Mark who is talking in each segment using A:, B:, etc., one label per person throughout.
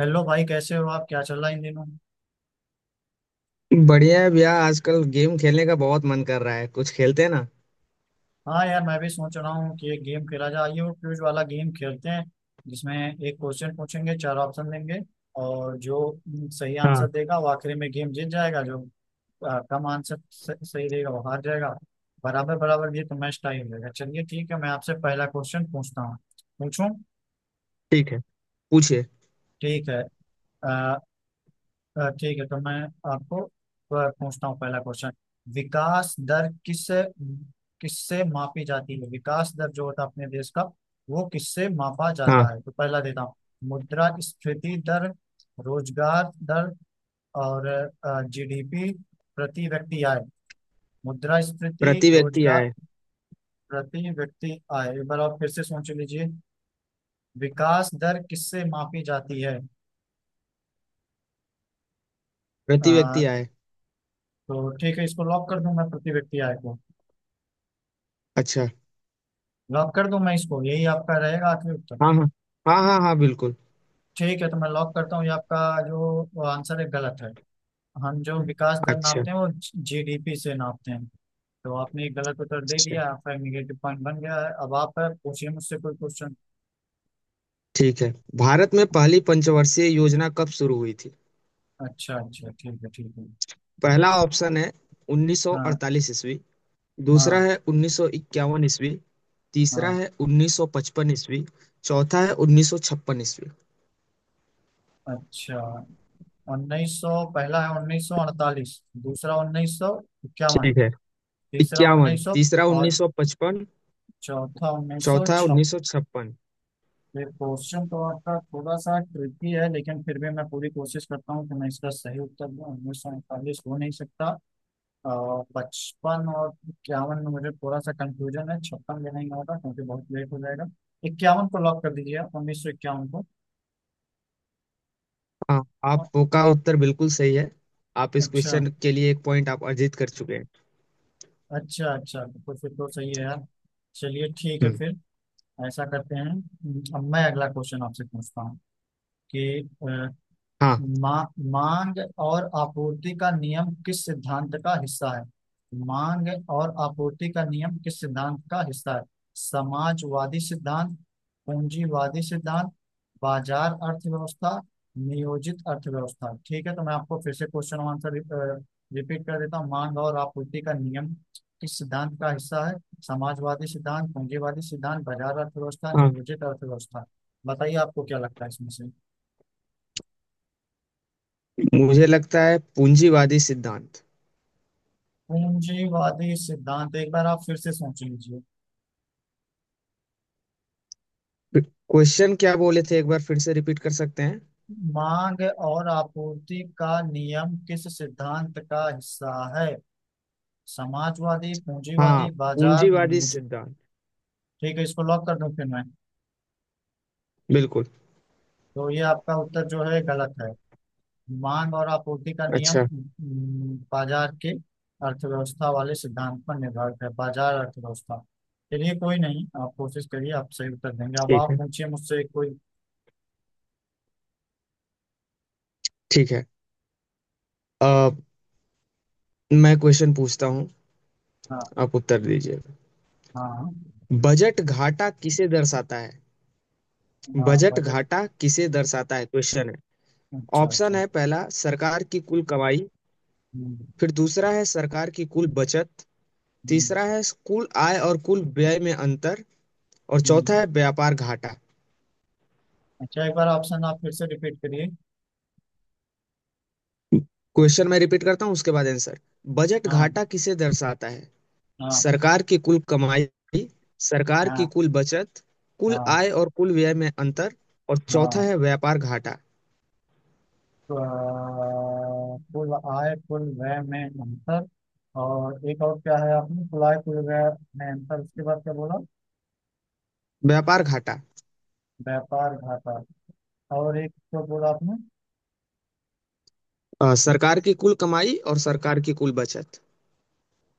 A: Hello भाई, कैसे हो आप? क्या चल रहा है इन दिनों?
B: बढ़िया है भैया। आजकल गेम खेलने का बहुत मन कर रहा है, कुछ खेलते हैं ना।
A: हाँ यार, मैं भी सोच रहा हूँ कि एक गेम खेला जाए। आइए वो क्विज वाला गेम खेलते हैं जिसमें एक क्वेश्चन पूछेंगे, चार ऑप्शन देंगे और जो सही
B: हाँ।
A: आंसर देगा वो आखिरी में गेम जीत जाएगा। जो कम आंसर सही देगा वो हार जाएगा। बराबर बराबर ये तो मैच टाई हो जाएगा। चलिए ठीक है, मैं आपसे पहला क्वेश्चन पूछता हूँ, पूछूं।
B: ठीक है। पूछिए।
A: ठीक है। ठीक है तो मैं आपको पूछता हूँ पहला क्वेश्चन। विकास दर किससे मापी जाती है? विकास दर जो होता है अपने देश का वो किससे मापा
B: हाँ।
A: जाता है? तो पहला देता हूँ, मुद्रा स्फीति दर, रोजगार दर और जीडीपी, प्रति व्यक्ति आय। मुद्रा स्फीति,
B: प्रति व्यक्ति
A: रोजगार,
B: आए।
A: प्रति व्यक्ति आय। एक बार आप फिर से सोच लीजिए, विकास दर किससे मापी जाती है?
B: प्रति
A: अ,
B: व्यक्ति आए।
A: तो ठीक है, इसको लॉक कर दूं मैं प्रति व्यक्ति आय को।
B: अच्छा।
A: लॉक कर दूं मैं इसको, यही आपका रहेगा आखिरी उत्तर।
B: हाँ हाँ। हाँ हाँ हाँ, बिल्कुल।
A: ठीक है तो मैं लॉक करता हूँ, ये आपका जो आंसर है गलत है। हम जो विकास दर
B: अच्छा
A: नापते हैं वो जीडीपी से नापते हैं। तो आपने ये गलत उत्तर दे
B: अच्छा,
A: दिया, आपका निगेटिव पॉइंट बन गया है। अब आप पूछिए मुझसे कोई क्वेश्चन।
B: ठीक है। भारत में पहली पंचवर्षीय योजना कब शुरू हुई थी?
A: अच्छा अच्छा, ठीक है ठीक है।
B: पहला ऑप्शन है
A: हाँ
B: 1948 ईस्वी। दूसरा
A: हाँ
B: है 1951 ईस्वी। तीसरा
A: हाँ।
B: है 1955 ईस्वी। चौथा है 1956 ईस्वी।
A: अच्छा, उन्नीस सौ, पहला है 1948, दूसरा उन्नीस सौ इक्यावन,
B: ठीक है।
A: तीसरा
B: इक्यावन,
A: उन्नीस सौ
B: तीसरा
A: और
B: 1955।
A: चौथा उन्नीस सौ
B: चौथा
A: छप्पन।
B: 1956।
A: ये क्वेश्चन तो आपका थोड़ा सा ट्रिकी है, लेकिन फिर भी मैं पूरी कोशिश करता हूँ कि मैं इसका सही उत्तर दूँ। 1948 हो नहीं सकता, और 55 और 51 में मुझे थोड़ा सा कंफ्यूजन है, 56 में नहीं होगा क्योंकि बहुत लेट हो जाएगा। 51 को लॉक कर दीजिए आप, 1951 को।
B: हाँ,
A: अ-
B: आपका उत्तर बिल्कुल सही है। आप इस
A: अच्छा।
B: क्वेश्चन के लिए एक पॉइंट आप अर्जित कर चुके हैं।
A: अच्छा अच्छा, तो फिर तो सही है यार। चलिए ठीक है
B: हम्म।
A: फिर, ऐसा करते हैं। अब मैं अगला क्वेश्चन आपसे पूछता हूँ कि अ,
B: हाँ
A: मा, मांग और आपूर्ति का नियम किस सिद्धांत का हिस्सा है? मांग और आपूर्ति का नियम किस सिद्धांत का हिस्सा है? समाजवादी सिद्धांत, पूंजीवादी सिद्धांत, बाजार अर्थव्यवस्था, नियोजित अर्थव्यवस्था। ठीक है तो मैं आपको फिर से क्वेश्चन आंसर रिपीट कर देता हूँ। मांग और आपूर्ति का नियम किस सिद्धांत का हिस्सा है? समाजवादी सिद्धांत, पूंजीवादी सिद्धांत, बाजार अर्थव्यवस्था,
B: हाँ।
A: नियोजित अर्थव्यवस्था। बताइए आपको क्या लगता है इसमें से?
B: मुझे लगता है पूंजीवादी सिद्धांत।
A: पूंजीवादी सिद्धांत, एक बार आप फिर से सोच लीजिए।
B: क्वेश्चन क्या बोले थे, एक बार फिर से रिपीट कर सकते हैं?
A: मांग और आपूर्ति का नियम किस सिद्धांत का हिस्सा है? समाजवादी,
B: हाँ।
A: पूंजीवादी, बाजार,
B: पूंजीवादी
A: न्यूज।
B: सिद्धांत।
A: ठीक है, इसको लॉक कर दूं फिर मैं।
B: बिल्कुल।
A: तो ये आपका उत्तर जो है गलत है। मांग और आपूर्ति का नियम
B: अच्छा।
A: बाजार के अर्थव्यवस्था वाले सिद्धांत पर निर्धारित है, बाजार अर्थव्यवस्था। चलिए कोई नहीं, आप कोशिश करिए, आप सही उत्तर देंगे। अब
B: ठीक
A: आप
B: है।
A: पूछिए मुझसे कोई।
B: ठीक है। अ, मैं क्वेश्चन पूछता हूँ।
A: हाँ
B: आप उत्तर दीजिए।
A: हाँ,
B: बजट घाटा किसे दर्शाता है?
A: हाँ,
B: बजट
A: बजट।
B: घाटा किसे दर्शाता है क्वेश्चन है।
A: अच्छा
B: ऑप्शन
A: अच्छा।
B: है, पहला सरकार की कुल कमाई।
A: हम्म।
B: फिर दूसरा है सरकार की कुल बचत। तीसरा
A: हम्म।
B: है कुल आय और कुल व्यय में अंतर। और
A: हम्म।
B: चौथा है व्यापार घाटा।
A: अच्छा, एक बार ऑप्शन आप फिर से रिपीट करिए।
B: क्वेश्चन मैं रिपीट करता हूँ, उसके बाद आंसर। बजट
A: हाँ।
B: घाटा किसे दर्शाता है?
A: हाँ।
B: सरकार की कुल कमाई। सरकार की
A: हाँ।
B: कुल बचत। कुल
A: हाँ।
B: आय और कुल व्यय में अंतर। और चौथा
A: हाँ।
B: है व्यापार घाटा।
A: तो कुल आय कुल व्यय में अंतर, और एक और क्या है? आपने कुल आय कुल व्यय में अंतर, उसके बाद क्या बोला?
B: व्यापार घाटा।
A: व्यापार घाटा। और एक तो बोला आपने,
B: सरकार की कुल कमाई और सरकार की कुल बचत।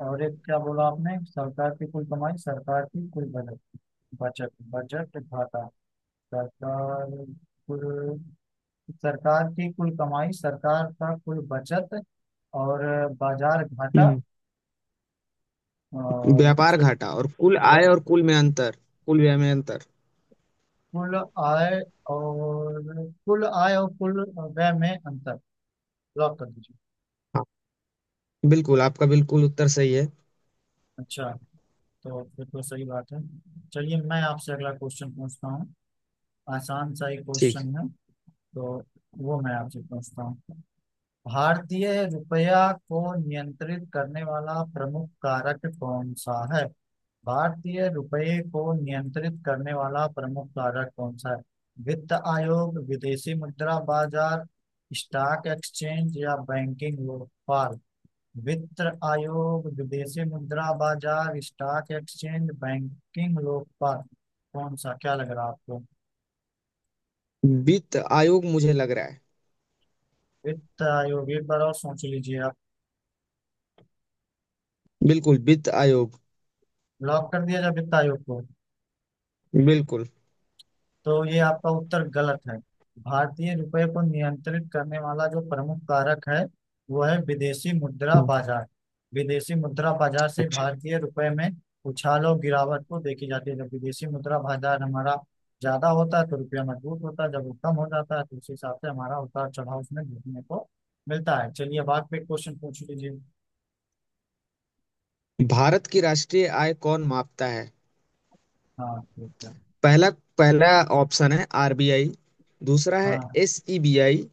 A: और एक क्या बोला आपने? सरकार की कुल कमाई, सरकार की कुल बजट, बजट बजट घाटा, सरकार, कुल, सरकार की कुल कमाई, सरकार का कुल बचत और बाजार घाटा।
B: हम्म।
A: और
B: व्यापार
A: ठीक,
B: घाटा और कुल आय
A: ब-
B: और कुल में अंतर। कुल व्यय में अंतर।
A: कुल आय और कुल आय और कुल व्यय में अंतर, लॉक कर दीजिए।
B: हाँ। बिल्कुल, आपका बिल्कुल उत्तर सही है।
A: अच्छा, तो फिर तो सही बात है। चलिए मैं आपसे अगला क्वेश्चन पूछता हूँ, आसान सा ही
B: ठीक।
A: क्वेश्चन है। तो वो मैं आपसे पूछता हूँ, भारतीय रुपया को नियंत्रित करने वाला प्रमुख कारक कौन सा है? भारतीय रुपये को नियंत्रित करने वाला प्रमुख कारक कौन सा है? वित्त आयोग, विदेशी मुद्रा बाजार, स्टॉक एक्सचेंज या बैंकिंग व्यापार? वित्त आयोग, विदेशी मुद्रा बाजार, स्टॉक एक्सचेंज, बैंकिंग व्यापार। कौन सा क्या लग रहा है आपको?
B: वित्त आयोग मुझे लग रहा है।
A: वित्त आयोग, एक बार और सोच लीजिए आप।
B: बिल्कुल, वित्त आयोग।
A: लॉक कर दिया जाए वित्त आयोग को।
B: बिल्कुल।
A: तो ये आपका उत्तर गलत है। भारतीय रुपए को नियंत्रित करने वाला जो प्रमुख कारक है वो है विदेशी मुद्रा
B: हम्म।
A: बाजार। विदेशी मुद्रा बाजार से
B: अच्छा।
A: भारतीय रुपए में उछाल और गिरावट को देखी जाती है। जब विदेशी मुद्रा बाजार हमारा ज्यादा होता है तो रुपया मजबूत होता है, जब वो कम हो जाता है तो उस हिसाब से हमारा उतार चढ़ाव उसमें देखने को मिलता है। चलिए अब आप एक क्वेश्चन पूछ लीजिए।
B: भारत की राष्ट्रीय आय कौन मापता है?
A: हाँ ठीक है।
B: पहला पहला ऑप्शन है आरबीआई। दूसरा है
A: हाँ।
B: एसईबीआई।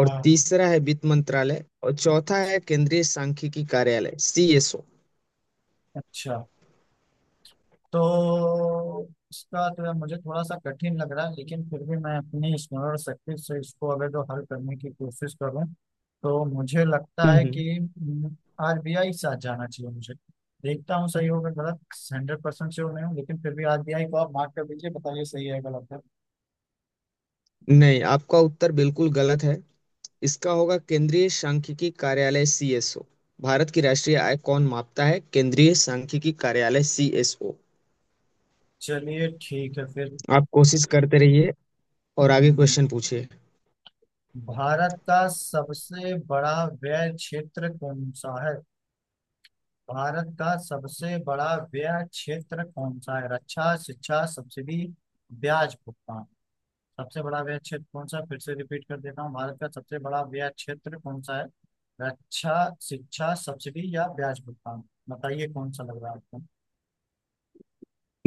B: और
A: हाँ।
B: तीसरा है वित्त मंत्रालय और चौथा है केंद्रीय सांख्यिकी कार्यालय सीएसओ।
A: अच्छा, तो इसका तो मुझे थोड़ा सा कठिन लग रहा है लेकिन फिर भी मैं अपनी स्मरण शक्ति से इसको अगर जो हल करने की कोशिश करूं तो मुझे लगता
B: हम्म
A: है
B: हम्म।
A: कि आरबीआई साथ जाना चाहिए मुझे। देखता हूँ सही होगा गलत। 100% श्योर नहीं हूँ, लेकिन फिर भी आरबीआई को आप मार्क कर दीजिए, बताइए सही है गलत है।
B: नहीं, आपका उत्तर बिल्कुल गलत है। इसका होगा केंद्रीय सांख्यिकी कार्यालय सीएसओ। भारत की राष्ट्रीय आय कौन मापता है? केंद्रीय सांख्यिकी कार्यालय सीएसओ।
A: चलिए ठीक है फिर।
B: आप कोशिश करते रहिए और आगे
A: हम्म,
B: क्वेश्चन पूछिए।
A: भारत का सबसे बड़ा व्यय क्षेत्र कौन सा है? भारत का सबसे बड़ा व्यय क्षेत्र कौन सा है? रक्षा, शिक्षा, सब्सिडी, ब्याज भुगतान। सबसे बड़ा व्यय क्षेत्र कौन सा है? फिर से रिपीट कर देता हूँ, भारत का सबसे बड़ा व्यय क्षेत्र कौन सा है? रक्षा, शिक्षा, सब्सिडी या ब्याज भुगतान? बताइए कौन सा लग रहा है आपको।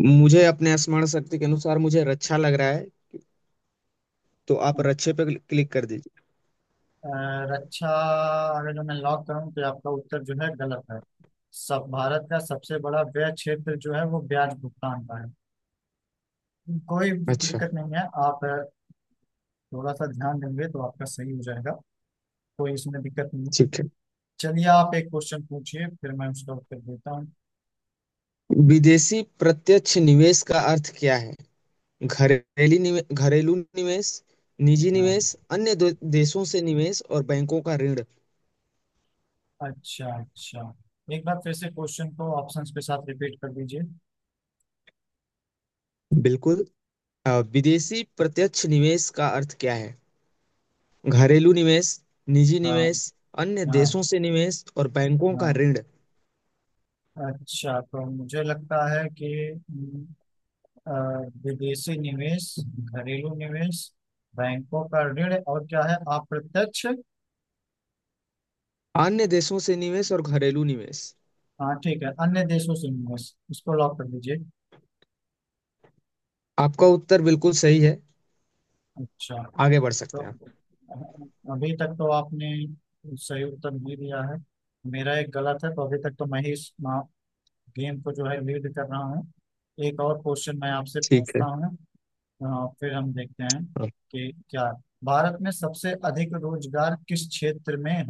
B: मुझे अपने स्मरण शक्ति के अनुसार मुझे रक्षा लग रहा है। तो आप रक्षे पे क्लिक क्लिक कर दीजिए।
A: अ, रक्षा, अगर जो मैं लॉक करूँ तो आपका उत्तर जो है गलत है। सब भारत का सबसे बड़ा व्यय क्षेत्र जो है वो ब्याज भुगतान का है। कोई
B: अच्छा।
A: दिक्कत नहीं है, आप थोड़ा सा ध्यान देंगे तो आपका सही हो जाएगा, कोई इसमें दिक्कत नहीं है।
B: ठीक है।
A: चलिए आप एक क्वेश्चन पूछिए, फिर मैं उसका उत्तर देता हूँ।
B: विदेशी प्रत्यक्ष निवेश का अर्थ क्या है? घरेलू निवेश, निजी निवेश,
A: हाँ,
B: अन्य देशों से निवेश और बैंकों का ऋण।
A: अच्छा अच्छा। एक बार फिर से क्वेश्चन को ऑप्शंस के साथ रिपीट कर दीजिए।
B: बिल्कुल। विदेशी प्रत्यक्ष निवेश का अर्थ क्या है? घरेलू निवेश। निजी
A: हाँ।
B: निवेश। अन्य
A: हाँ।
B: देशों से निवेश और बैंकों का
A: हाँ।
B: ऋण।
A: अच्छा, तो मुझे लगता है कि हम्म, अ, विदेशी निवेश, घरेलू निवेश, बैंकों का ऋण, और क्या है अप्रत्यक्ष।
B: अन्य देशों से निवेश और घरेलू निवेश।
A: हाँ ठीक है, अन्य देशों से निवेश, इसको लॉक कर दीजिए।
B: आपका उत्तर बिल्कुल सही है।
A: अच्छा,
B: आगे बढ़ सकते
A: तो
B: हैं।
A: अभी तक तो आपने सही उत्तर नहीं दिया है, मेरा एक गलत है, तो अभी तक तो मैं ही इस गेम को जो है लीड कर रहा हूँ। एक और क्वेश्चन मैं आपसे
B: ठीक है।
A: पूछता हूँ। हाँ, फिर हम देखते हैं
B: हाँ।
A: कि क्या है। भारत में सबसे अधिक रोजगार किस क्षेत्र में है?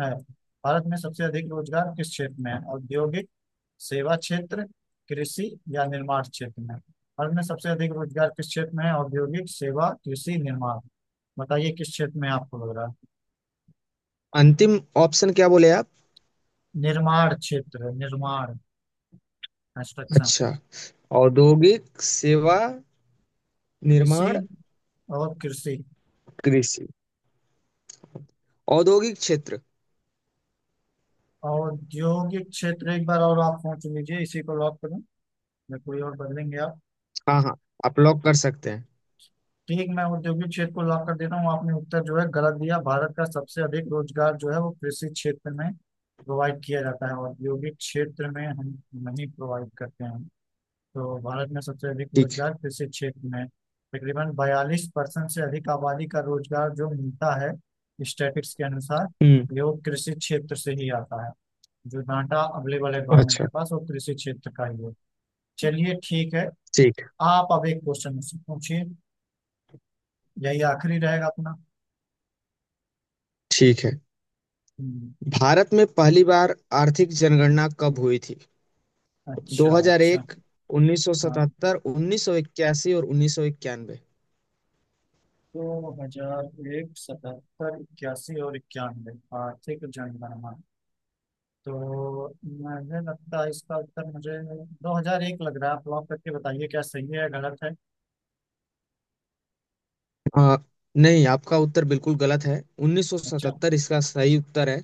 A: भारत में सबसे अधिक रोजगार किस क्षेत्र में है? औद्योगिक, सेवा क्षेत्र, कृषि या निर्माण क्षेत्र में? भारत में सबसे अधिक रोजगार किस क्षेत्र में है? औद्योगिक, सेवा, कृषि, निर्माण। बताइए किस क्षेत्र में आपको लग रहा है।
B: अंतिम ऑप्शन क्या बोले आप?
A: निर्माण क्षेत्र, निर्माण, कंस्ट्रक्शन,
B: अच्छा। औद्योगिक सेवा।
A: कृषि,
B: निर्माण।
A: और कृषि,
B: कृषि। औद्योगिक क्षेत्र।
A: औद्योगिक क्षेत्र। एक बार और आप सोच लीजिए, इसी को लॉक करें या कोई और बदलेंगे आप?
B: हाँ हाँ, आप लॉक कर सकते हैं।
A: ठीक, मैं औद्योगिक क्षेत्र को लॉक कर देता हूँ। आपने उत्तर जो है गलत दिया। भारत का सबसे अधिक रोजगार जो है वो कृषि क्षेत्र में प्रोवाइड किया जाता है, औद्योगिक क्षेत्र में हम नहीं प्रोवाइड करते हैं। तो भारत में सबसे अधिक
B: ठीक है।
A: रोजगार कृषि क्षेत्र में, तकरीबन 42% से अधिक आबादी का रोजगार जो मिलता है स्टैटिस्टिक्स के अनुसार,
B: हम्म।
A: ये वो कृषि क्षेत्र से ही आता है। जो डाटा अवेलेबल है गवर्नमेंट
B: अच्छा।
A: के पास वो कृषि क्षेत्र का ही है। चलिए ठीक है,
B: ठीक।
A: आप अब एक क्वेश्चन मुझसे पूछिए, यही आखिरी रहेगा अपना।
B: ठीक है।
A: हम्म,
B: भारत में पहली बार आर्थिक जनगणना कब हुई थी?
A: अच्छा अच्छा।
B: 2001,
A: हाँ,
B: 1977, 1981 और 1991।
A: 2001, 77, 81 और 91, आर्थिक जनगणना। तो मुझे लगता है इसका उत्तर मुझे 2001 लग रहा है, आप लॉक करके बताइए क्या सही है या गलत है।
B: आ, नहीं, आपका उत्तर बिल्कुल गलत है।
A: अच्छा,
B: 1977 इसका सही उत्तर है।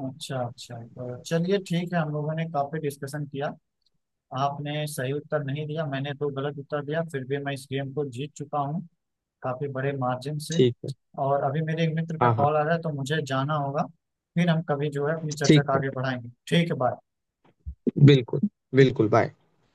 A: अच्छा अच्छा, तो चलिए ठीक है, हम लोगों ने काफी डिस्कशन किया। आपने सही उत्तर नहीं दिया, मैंने दो गलत उत्तर दिया, फिर भी मैं इस गेम को जीत चुका हूँ, काफी बड़े मार्जिन से।
B: ठीक है।
A: और अभी मेरे एक मित्र का
B: हाँ हाँ।
A: कॉल आ रहा है तो मुझे जाना होगा। फिर हम कभी जो है अपनी चर्चा
B: ठीक
A: को
B: है।
A: आगे बढ़ाएंगे। ठीक है, बाय।
B: बिल्कुल। बिल्कुल, बाय।